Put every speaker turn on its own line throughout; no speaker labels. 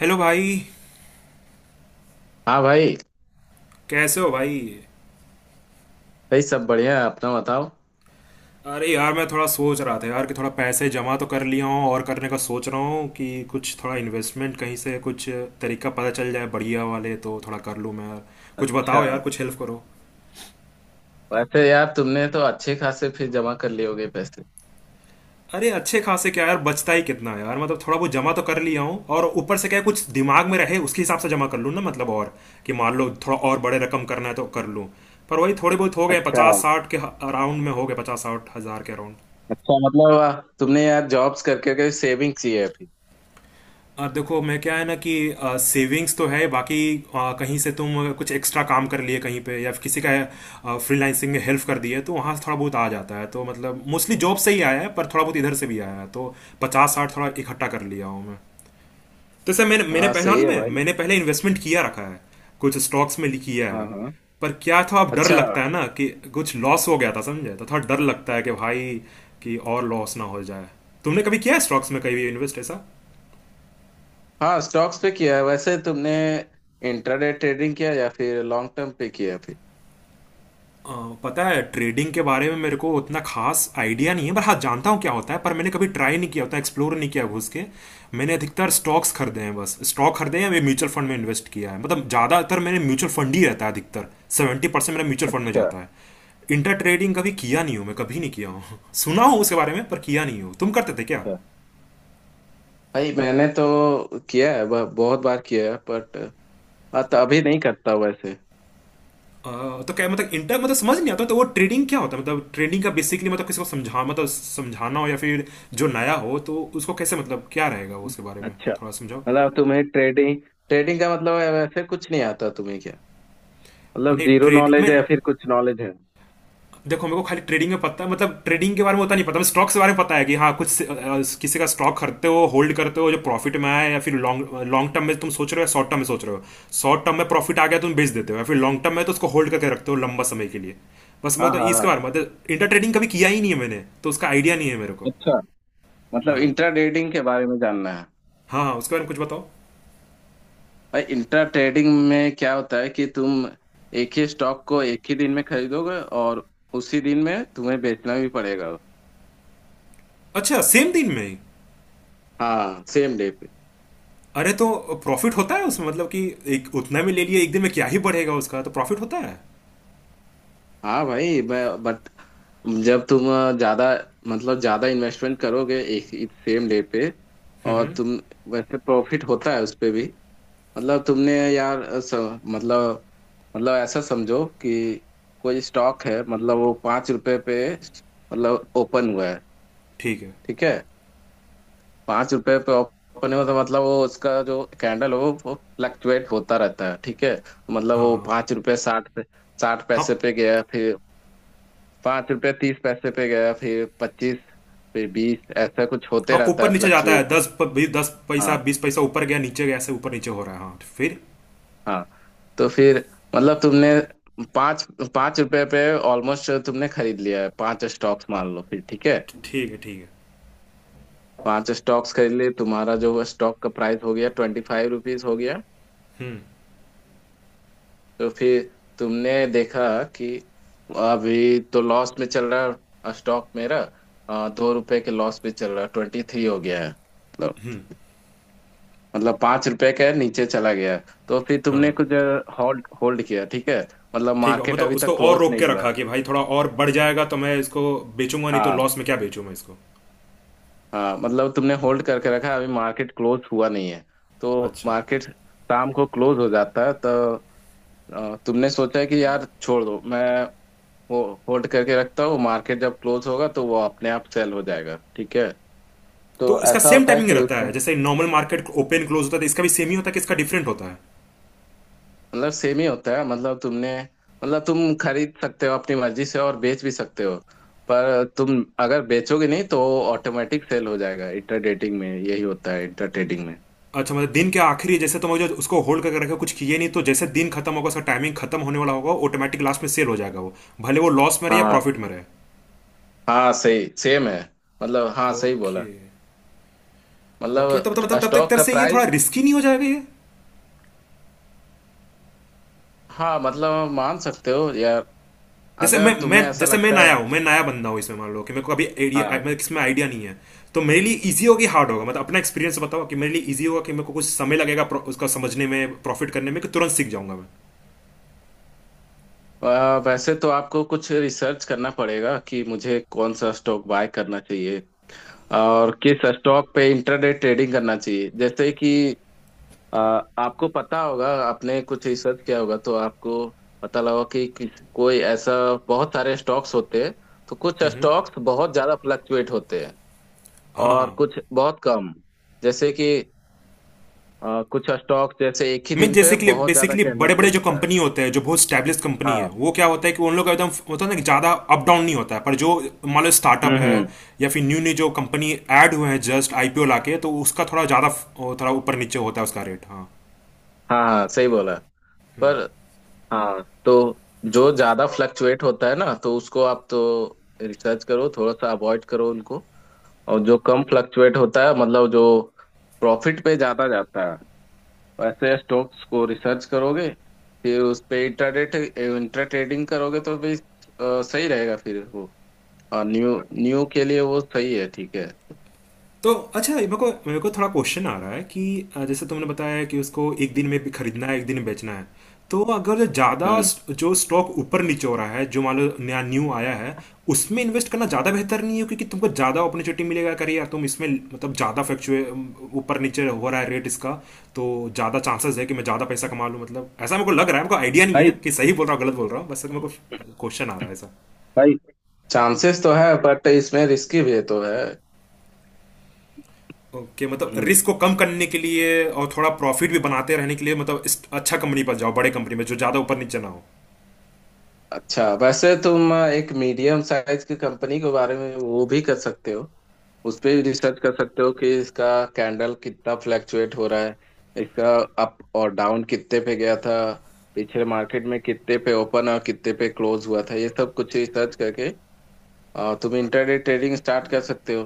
Hello भाई।
हाँ भाई।
कैसे हो भाई?
भाई सब बढ़िया है, अपना बताओ।
अरे यार मैं थोड़ा सोच रहा था यार कि थोड़ा पैसे जमा तो कर लिया हूँ और करने का सोच रहा हूँ कि कुछ थोड़ा इन्वेस्टमेंट कहीं से कुछ तरीका पता चल जाए बढ़िया वाले तो थोड़ा कर लूँ मैं यार। कुछ
अच्छा।
बताओ यार, कुछ हेल्प करो।
वैसे यार तुमने तो अच्छे खासे फिर जमा कर लिए होगे पैसे।
अरे अच्छे खासे क्या यार, बचता ही कितना है यार। मतलब थोड़ा बहुत जमा तो कर लिया हूँ, और ऊपर से क्या है, कुछ दिमाग में रहे उसके हिसाब से जमा कर लूँ ना मतलब। और कि मान लो थोड़ा और बड़े रकम करना है तो कर लूँ। पर वही थोड़े बहुत हो गए
अच्छा।
50-60 के। अराउंड में हो गए 50-60 हजार के अराउंड।
अच्छा। मतलब तुमने यार जॉब्स करके के सेविंग की है अभी?
देखो मैं क्या है ना कि सेविंग्स तो है बाकी। कहीं से तुम कुछ एक्स्ट्रा काम कर लिए कहीं पे या फिर किसी का फ्रीलांसिंग में हेल्प कर दी है तो वहाँ से थोड़ा बहुत आ जाता है तो मतलब मोस्टली जॉब से ही आया है, पर थोड़ा बहुत इधर से भी आया है तो 50-60 थोड़ा इकट्ठा कर लिया हूँ मैं। तो सर मैंने मैंने
हाँ
पहला
सही
ना,
है भाई।
मैंने पहले इन्वेस्टमेंट किया रखा है। कुछ स्टॉक्स में किया है।
हाँ हाँ।
पर क्या था, अब डर
अच्छा।
लगता है ना कि कुछ लॉस हो गया था समझे, तो थोड़ा डर लगता है कि भाई कि और लॉस ना हो जाए। तुमने कभी किया है स्टॉक्स में, कभी इन्वेस्ट ऐसा?
हाँ स्टॉक्स पे किया है। वैसे तुमने इंट्राडे ट्रेडिंग किया या फिर लॉन्ग टर्म पे किया है फिर?
अ, पता है, ट्रेडिंग के बारे में मेरे को उतना खास आइडिया नहीं है, पर हाँ जानता हूँ क्या होता है, पर मैंने कभी ट्राई नहीं किया, होता एक्सप्लोर नहीं किया घुस के। मैंने अधिकतर स्टॉक्स खरीदे हैं, बस स्टॉक खरीदे हैं, म्यूचुअल फंड में इन्वेस्ट किया है, मतलब ज़्यादातर मैंने म्यूचुअल फंड ही रहता है अधिकतर। 70% मेरा म्यूचुअल फंड में
अच्छा।
जाता है। इंटर ट्रेडिंग कभी किया नहीं हूँ मैं, कभी नहीं किया हूँ सुना हूँ उसके बारे में पर किया नहीं हूँ। तुम करते थे क्या?
अच्छा। भाई मैंने तो किया है, बहुत बार किया है बट हाँ, तो अभी नहीं करता वैसे।
तो क्या मतलब इंटर, मतलब समझ नहीं आता, तो वो ट्रेडिंग क्या होता है, मतलब ट्रेडिंग का बेसिकली मतलब किसी को समझा, मतलब समझाना हो या फिर जो नया हो तो उसको कैसे, मतलब क्या रहेगा वो, उसके बारे में
अच्छा।
थोड़ा समझाओ।
मतलब तुम्हें ट्रेडिंग ट्रेडिंग का मतलब है वैसे, कुछ नहीं आता तुम्हें क्या? मतलब
नहीं
जीरो
ट्रेडिंग
नॉलेज
मैं,
है या फिर कुछ नॉलेज है?
देखो मेरे को खाली ट्रेडिंग में पता है, मतलब ट्रेडिंग के बारे में उतना नहीं पता। मैं स्टॉक्स के बारे में पता है कि हाँ, कुछ किसी का स्टॉक खरीदते हो होल्ड करते हो, जो प्रॉफिट में आया या फिर लॉन्ग लॉन्ग टर्म में तुम सोच रहे हो या शॉर्ट टर्म में सोच रहे हो। शॉर्ट टर्म में प्रॉफिट आ गया तुम बेच देते हो, या फिर लॉन्ग टर्म में तो उसको होल्ड करके रखते हो लंबा समय के लिए। बस मैं
हाँ
तो
हाँ।
इसके बारे में, मतलब इंटर ट्रेडिंग कभी किया ही नहीं है मैंने, तो उसका आइडिया नहीं है मेरे को।
अच्छा। मतलब
हाँ।
इंट्रा ट्रेडिंग के बारे में जानना है।
हाँ, हाँ, उसके बारे में कुछ बताओ।
भाई इंट्रा ट्रेडिंग में क्या होता है कि तुम एक ही स्टॉक को एक ही दिन में खरीदोगे और उसी दिन में तुम्हें बेचना भी पड़ेगा।
अच्छा, सेम दिन में ही?
हाँ सेम डे पे।
अरे, तो प्रॉफिट होता है उसमें, मतलब कि एक उतना में ले लिए एक दिन में क्या ही बढ़ेगा उसका, तो प्रॉफिट होता है?
हाँ भाई, मैं बट जब तुम ज्यादा मतलब ज्यादा इन्वेस्टमेंट करोगे एक सेम डे पे, और तुम वैसे प्रॉफिट होता है उस पे भी। मतलब तुमने यार स, मतलब मतलब ऐसा समझो कि कोई स्टॉक है, मतलब वो 5 रुपए पे मतलब ओपन हुआ है।
ठीक है।
ठीक है। 5 रुपए पे ओपन हुआ तो मतलब वो उसका जो कैंडल हो वो फ्लक्चुएट होता रहता है। ठीक है। मतलब
हाँ,
वो
हाँ,
पाँच रुपए साठ पे साठ
हाँ,
पैसे पे गया, फिर 5 रुपए 30 पैसे पे गया, फिर 25, फिर 20, ऐसा कुछ होते
हाँ
रहता है
ऊपर नीचे जाता है,
फ्लक्चुएट।
10 पैसा 20 पैसा ऊपर गया नीचे गया, ऐसे ऊपर नीचे हो रहा है हाँ, तो फिर?
हाँ, तो फिर मतलब तुमने पाँच पाँच रुपए पे ऑलमोस्ट तुमने खरीद लिया है 5 स्टॉक्स, मान लो, फिर। ठीक है।
ठीक है, ठीक है।
5 स्टॉक्स खरीद लिए, तुम्हारा जो स्टॉक का प्राइस हो गया 25 रुपीज हो गया। तो फिर तुमने देखा कि अभी तो लॉस में चल रहा है स्टॉक मेरा। 2 रुपए के लॉस में चल रहा है, 23 हो गया है। तो मतलब 5 रुपए के नीचे चला गया है। तो फिर तुमने
हाँ,
कुछ होल्ड होल्ड किया, ठीक है। मतलब
ठीक है,
मार्केट
मतलब
अभी
उसको
तक
और
क्लोज
रोक
नहीं
के
हुआ है।
रखा कि भाई थोड़ा और बढ़ जाएगा तो मैं इसको बेचूंगा, नहीं तो
हाँ
लॉस में क्या बेचूं मैं इसको।
हाँ। मतलब तुमने होल्ड करके रखा है, अभी मार्केट क्लोज हुआ नहीं है। तो
अच्छा,
मार्केट शाम को क्लोज हो जाता है। तो तुमने सोचा है कि यार छोड़ दो, मैं वो होल्ड करके रखता हूँ, मार्केट जब क्लोज होगा तो वो अपने आप सेल हो जाएगा। ठीक है।
तो
तो
इसका
ऐसा
सेम
होता है
टाइमिंग
कि
रहता
उसमें
है जैसे नॉर्मल मार्केट ओपन क्लोज होता है, तो इसका भी सेम ही होता है कि इसका डिफरेंट होता है?
मतलब सेम ही होता है। मतलब तुम खरीद सकते हो अपनी मर्जी से और बेच भी सकते हो। पर तुम अगर बेचोगे नहीं तो ऑटोमेटिक सेल हो जाएगा, इंटर डेटिंग में यही होता है, इंटर ट्रेडिंग में।
अच्छा, मतलब दिन के आखिरी, जैसे तुम अगर उसको होल्ड करके रखे कुछ किए नहीं, तो जैसे दिन खत्म होगा, उसका टाइमिंग खत्म होने वाला होगा, ऑटोमेटिक लास्ट में सेल हो जाएगा वो। भले वो लॉस में रहे या
हाँ
प्रॉफिट में रहे।
हाँ, सही सेम है। मतलब हाँ सही बोला।
ओके। ओके तब तब
मतलब
तब तब तक एक
स्टॉक
तरह
का
से ये
प्राइस।
थोड़ा रिस्की नहीं हो जाएगा ये?
हाँ, मतलब मान सकते हो यार,
जैसे
अगर
मैं
तुम्हें ऐसा
जैसे मैं
लगता है।
नया हूँ, मैं नया बंदा हूँ इसमें, मान लो कि मेरे को अभी आइडिया,
हाँ।
मतलब इसमें आइडिया नहीं है, तो मेरे लिए इजी होगी हार्ड होगा? मतलब अपना एक्सपीरियंस बताओ कि मेरे लिए इजी होगा कि मेरे को कुछ समय लगेगा उसका समझने में प्रॉफिट करने में, कि तुरंत सीख जाऊंगा मैं?
वैसे तो आपको कुछ रिसर्च करना पड़ेगा कि मुझे कौन सा स्टॉक बाय करना चाहिए और किस स्टॉक पे इंटरडे ट्रेडिंग करना चाहिए। जैसे कि अ, आपको पता होगा, आपने कुछ रिसर्च किया होगा तो आपको पता लगा कि किस, कोई ऐसा बहुत सारे स्टॉक्स होते हैं तो कुछ स्टॉक्स बहुत ज्यादा फ्लक्चुएट होते हैं
हाँ, हाँ।
और कुछ बहुत कम। जैसे कि कुछ स्टॉक जैसे एक ही
मीन
दिन पे
जैसे कि
बहुत ज्यादा
बेसिकली
कैंडल
बड़े
शो
बड़े जो
होता है।
कंपनी होते हैं, जो बहुत स्टैब्लिश कंपनी है,
हाँ।
वो क्या होता है कि उन लोग का एकदम होता है ना कि ज़्यादा अप डाउन नहीं होता है, पर जो मान लो स्टार्टअप है
हम्म।
या फिर न्यू न्यू जो कंपनी ऐड हुए हैं जस्ट IPO लाके, तो उसका थोड़ा ज़्यादा, थोड़ा ऊपर नीचे होता है उसका रेट, हाँ।
हाँ हाँ सही बोला। पर हाँ, तो जो ज्यादा फ्लक्चुएट होता है ना, तो उसको आप तो रिसर्च करो, थोड़ा सा अवॉइड करो उनको। और जो कम फ्लक्चुएट होता है, मतलब जो प्रॉफिट पे ज्यादा जाता है, वैसे स्टॉक्स को रिसर्च करोगे फिर उस पे इंट्रा ट्रेडिंग करोगे तो भी सही रहेगा फिर वो। और न्यू न्यू के लिए वो सही है। ठीक है।
तो अच्छा, मेरे को थोड़ा क्वेश्चन आ रहा है कि जैसे तुमने बताया कि उसको एक दिन में भी खरीदना है एक दिन में बेचना है, तो अगर ज़्यादा
हम्म।
जो स्टॉक ऊपर नीचे हो रहा है, जो मान लो नया न्यू आया है, उसमें इन्वेस्ट करना ज़्यादा बेहतर नहीं है क्योंकि तुमको ज़्यादा अपॉर्चुनिटी मिलेगा, अगर यार तुम इसमें, मतलब ज़्यादा फ्लक्चुए ऊपर नीचे हो रहा है रेट इसका, तो ज़्यादा चांसेस है कि मैं ज़्यादा पैसा कमा लूँ। मतलब ऐसा मेरे को लग रहा है, मेरे को आइडिया नहीं
भाई
है कि सही बोल रहा हूँ गलत बोल रहा हूँ, बस मेरे को क्वेश्चन आ रहा है ऐसा।
भाई, चांसेस तो है बट इसमें रिस्की भी तो है।
ओके, okay, मतलब
हम्म।
रिस्क को कम करने के लिए और थोड़ा प्रॉफिट भी बनाते रहने के लिए, मतलब इस अच्छा कंपनी पर जाओ, बड़े कंपनी में जो ज़्यादा ऊपर नीचे ना हो।
अच्छा वैसे तुम एक मीडियम साइज की कंपनी के बारे में वो भी कर सकते हो, उस पे भी रिसर्च कर सकते हो कि इसका कैंडल कितना फ्लैक्चुएट हो रहा है, इसका अप और डाउन कितने पे गया था, पिछले मार्केट में कितने पे ओपन और कितने पे क्लोज हुआ था, ये सब कुछ रिसर्च करके तुम इंटरडे ट्रेडिंग स्टार्ट कर सकते हो।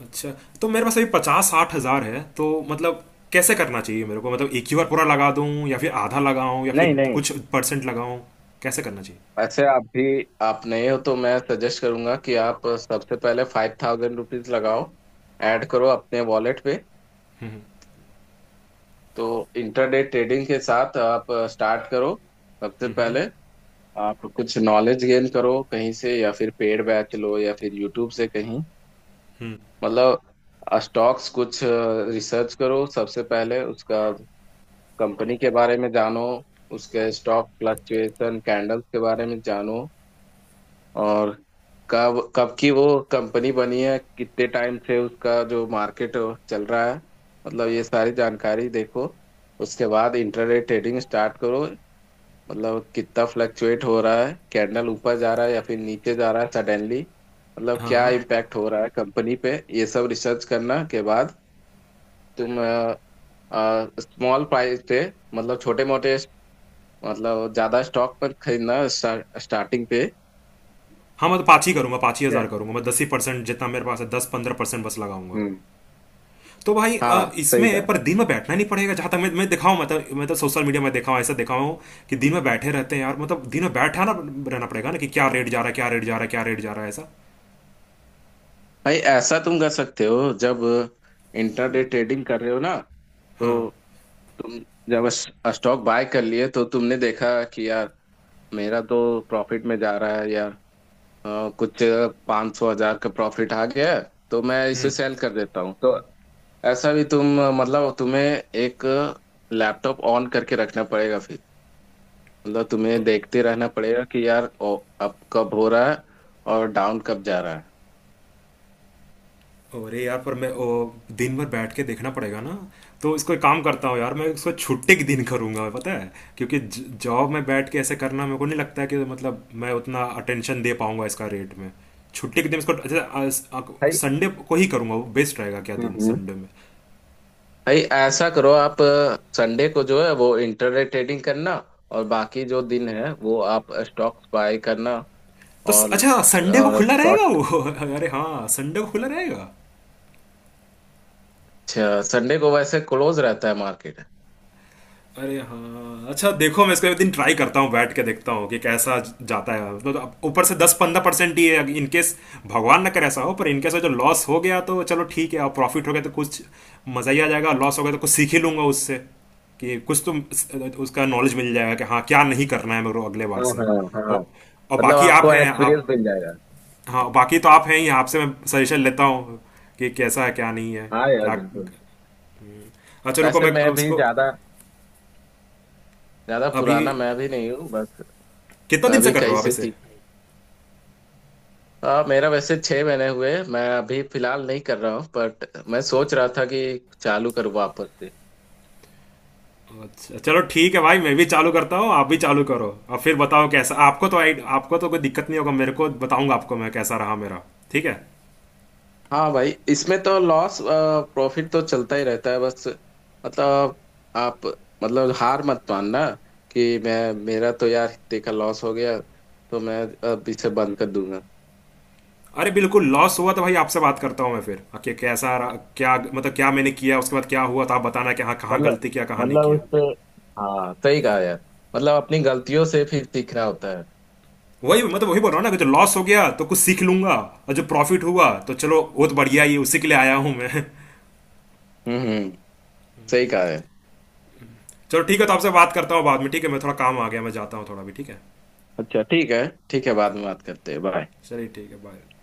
अच्छा, तो मेरे पास अभी 50-60 हज़ार है तो मतलब कैसे करना चाहिए मेरे को? मतलब एक ही बार पूरा लगा दूं, या फिर आधा लगाऊं, या
नहीं
फिर
नहीं।
कुछ परसेंट लगाऊं? कैसे करना चाहिए?
वैसे आप नए हो तो मैं सजेस्ट करूंगा कि आप सबसे पहले 5000 रुपीज लगाओ, ऐड करो अपने वॉलेट पे। तो इंटरडे ट्रेडिंग के साथ आप स्टार्ट करो सबसे पहले। आप कुछ नॉलेज गेन करो कहीं से, या फिर पेड बैच लो, या फिर यूट्यूब से कहीं।
हम्म।
मतलब स्टॉक्स कुछ रिसर्च करो सबसे पहले उसका, कंपनी के बारे में जानो, उसके स्टॉक फ्लक्चुएशन कैंडल्स के बारे में जानो। और कब कब की वो कंपनी बनी है, कितने टाइम से उसका जो मार्केट चल रहा है, मतलब ये सारी जानकारी देखो। उसके बाद इंट्राडे ट्रेडिंग स्टार्ट करो। मतलब कितना फ्लक्चुएट हो रहा है, कैंडल ऊपर जा रहा है या फिर नीचे जा रहा है सडनली, मतलब
हाँ,
क्या
हाँ।
इम्पैक्ट हो रहा है कंपनी पे, ये सब रिसर्च करना के बाद तुम स्मॉल प्राइस पे, मतलब छोटे मोटे, मतलब ज्यादा स्टॉक पर खरीदना स्टार्टिंग पे।
हाँ मैं तो पाँच ही करूंगा, पाँच ही
ठीक है?
हज़ार करूंगा मैं, 10 ही % जितना मेरे पास है, 10-15% बस लगाऊंगा।
हम्म।
तो भाई,
हाँ सही कहा।
इसमें पर दिन में बैठना नहीं पड़ेगा? जहां तक मैं देखा हूं, मतलब सोशल मीडिया में देखा हूं, ऐसा देखा हूं कि दिन में बैठे रहते हैं यार, मतलब दिन में बैठा ना रहना पड़ेगा ना कि क्या रेट जा रहा है, क्या रेट जा रहा है, क्या रेट जा रहा है ऐसा?
भाई ऐसा तुम कर सकते हो, जब इंटरडे ट्रेडिंग कर रहे हो ना, तो
हाँ, हाँ।
तुम जब स्टॉक बाय कर लिए तो तुमने देखा कि यार मेरा तो प्रॉफिट में जा रहा है यार, कुछ पाँच सौ हजार का प्रॉफिट आ गया है तो मैं इसे
हम्म।
सेल कर देता हूँ। तो ऐसा भी तुम मतलब तुम्हें एक लैपटॉप ऑन करके रखना पड़ेगा फिर। मतलब तुम्हें
अ-
देखते रहना पड़ेगा कि यार अप कब हो रहा है और डाउन कब जा रहा है।
अरे यार, पर मैं दिन भर बैठ के देखना पड़ेगा ना? तो इसको एक काम करता हूँ यार, मैं इसको छुट्टी के दिन करूंगा पता है, क्योंकि जॉब में बैठ के ऐसे करना मेरे को नहीं लगता है कि, मतलब मैं उतना अटेंशन दे पाऊंगा इसका रेट में। छुट्टी के दिन इसको, अच्छा,
भाई।
संडे को ही करूंगा वो, बेस्ट रहेगा क्या दिन
हम्म।
संडे में?
भाई ऐसा करो आप, संडे को जो है वो इंटरनेट ट्रेडिंग करना, और बाकी जो दिन है वो आप स्टॉक्स बाय करना।
तो
और
अच्छा, संडे को खुला रहेगा
शॉर्ट,
वो? अरे हाँ, संडे को खुला रहेगा।
संडे को वैसे क्लोज रहता है मार्केट।
अरे हाँ अच्छा, देखो मैं इसका एक दिन ट्राई करता हूँ, बैठ के देखता हूँ कि कैसा जाता है, मतलब अब ऊपर से 10-15% ही है, इन केस, भगवान ना करे ऐसा हो, पर इन केस जो लॉस हो गया तो चलो ठीक है, और प्रॉफिट हो गया तो कुछ मजा ही आ जाएगा, लॉस हो गया तो कुछ सीख ही लूंगा उससे, कि कुछ तो उसका नॉलेज मिल जाएगा कि हाँ क्या नहीं करना है मेरे को अगले बार
हाँ
से।
हाँ हाँ।
और
मतलब
बाकी आप
आपको
हैं आप।
एक्सपीरियंस मिल जाएगा।
हाँ, बाकी तो आप हैं ही, आपसे मैं सजेशन लेता हूँ कि कैसा है क्या नहीं है।
हाँ यार
क्या?
बिल्कुल।
अच्छा रुको,
वैसे
मैं
मैं भी
उसको,
ज्यादा ज्यादा
अभी
पुराना मैं भी नहीं हूँ बस,
कितना
मैं
दिन से
भी
कर रहे
कहीं
हो आप
से
इसे?
सीखा हूँ। हाँ मेरा वैसे 6 महीने हुए, मैं अभी फिलहाल नहीं कर रहा हूँ बट मैं सोच रहा था कि चालू करूँ वापस से।
अच्छा चलो ठीक है भाई, मैं भी चालू करता हूँ, आप भी चालू करो और फिर बताओ कैसा, आपको तो आपको तो कोई दिक्कत नहीं होगा, मेरे को बताऊंगा आपको मैं कैसा रहा मेरा। ठीक है।
हाँ भाई, इसमें तो लॉस प्रॉफिट तो चलता ही रहता है बस। मतलब आप मतलब हार मत मानना कि मैं मेरा तो यार इतने का लॉस हो गया तो मैं अब इसे बंद कर दूंगा।
अरे बिल्कुल, लॉस हुआ तो भाई आपसे बात करता हूँ मैं फिर कि कैसा रहा क्या, मतलब क्या मैंने किया उसके बाद क्या हुआ, तो आप बताना कि हाँ कहाँ
मतलब
गलती किया कहाँ नहीं किया।
उससे हाँ सही कहा यार, मतलब अपनी गलतियों से फिर सीखना होता है।
वही मैं तो वही बोल रहा हूँ ना कि जो लॉस हो गया तो कुछ सीख लूंगा, और जो प्रॉफिट हुआ तो चलो बहुत बढ़िया ही है, उसी के लिए आया हूँ मैं
हम्म, सही कहा है।
चलो ठीक है, तो आपसे बात करता हूँ बाद में, ठीक है मैं थोड़ा काम आ गया, मैं जाता हूँ थोड़ा, भी ठीक है।
अच्छा ठीक है, ठीक है, बाद में
ठीक
बात करते
है,
हैं, बाय।
चलिए ठीक है, बाय।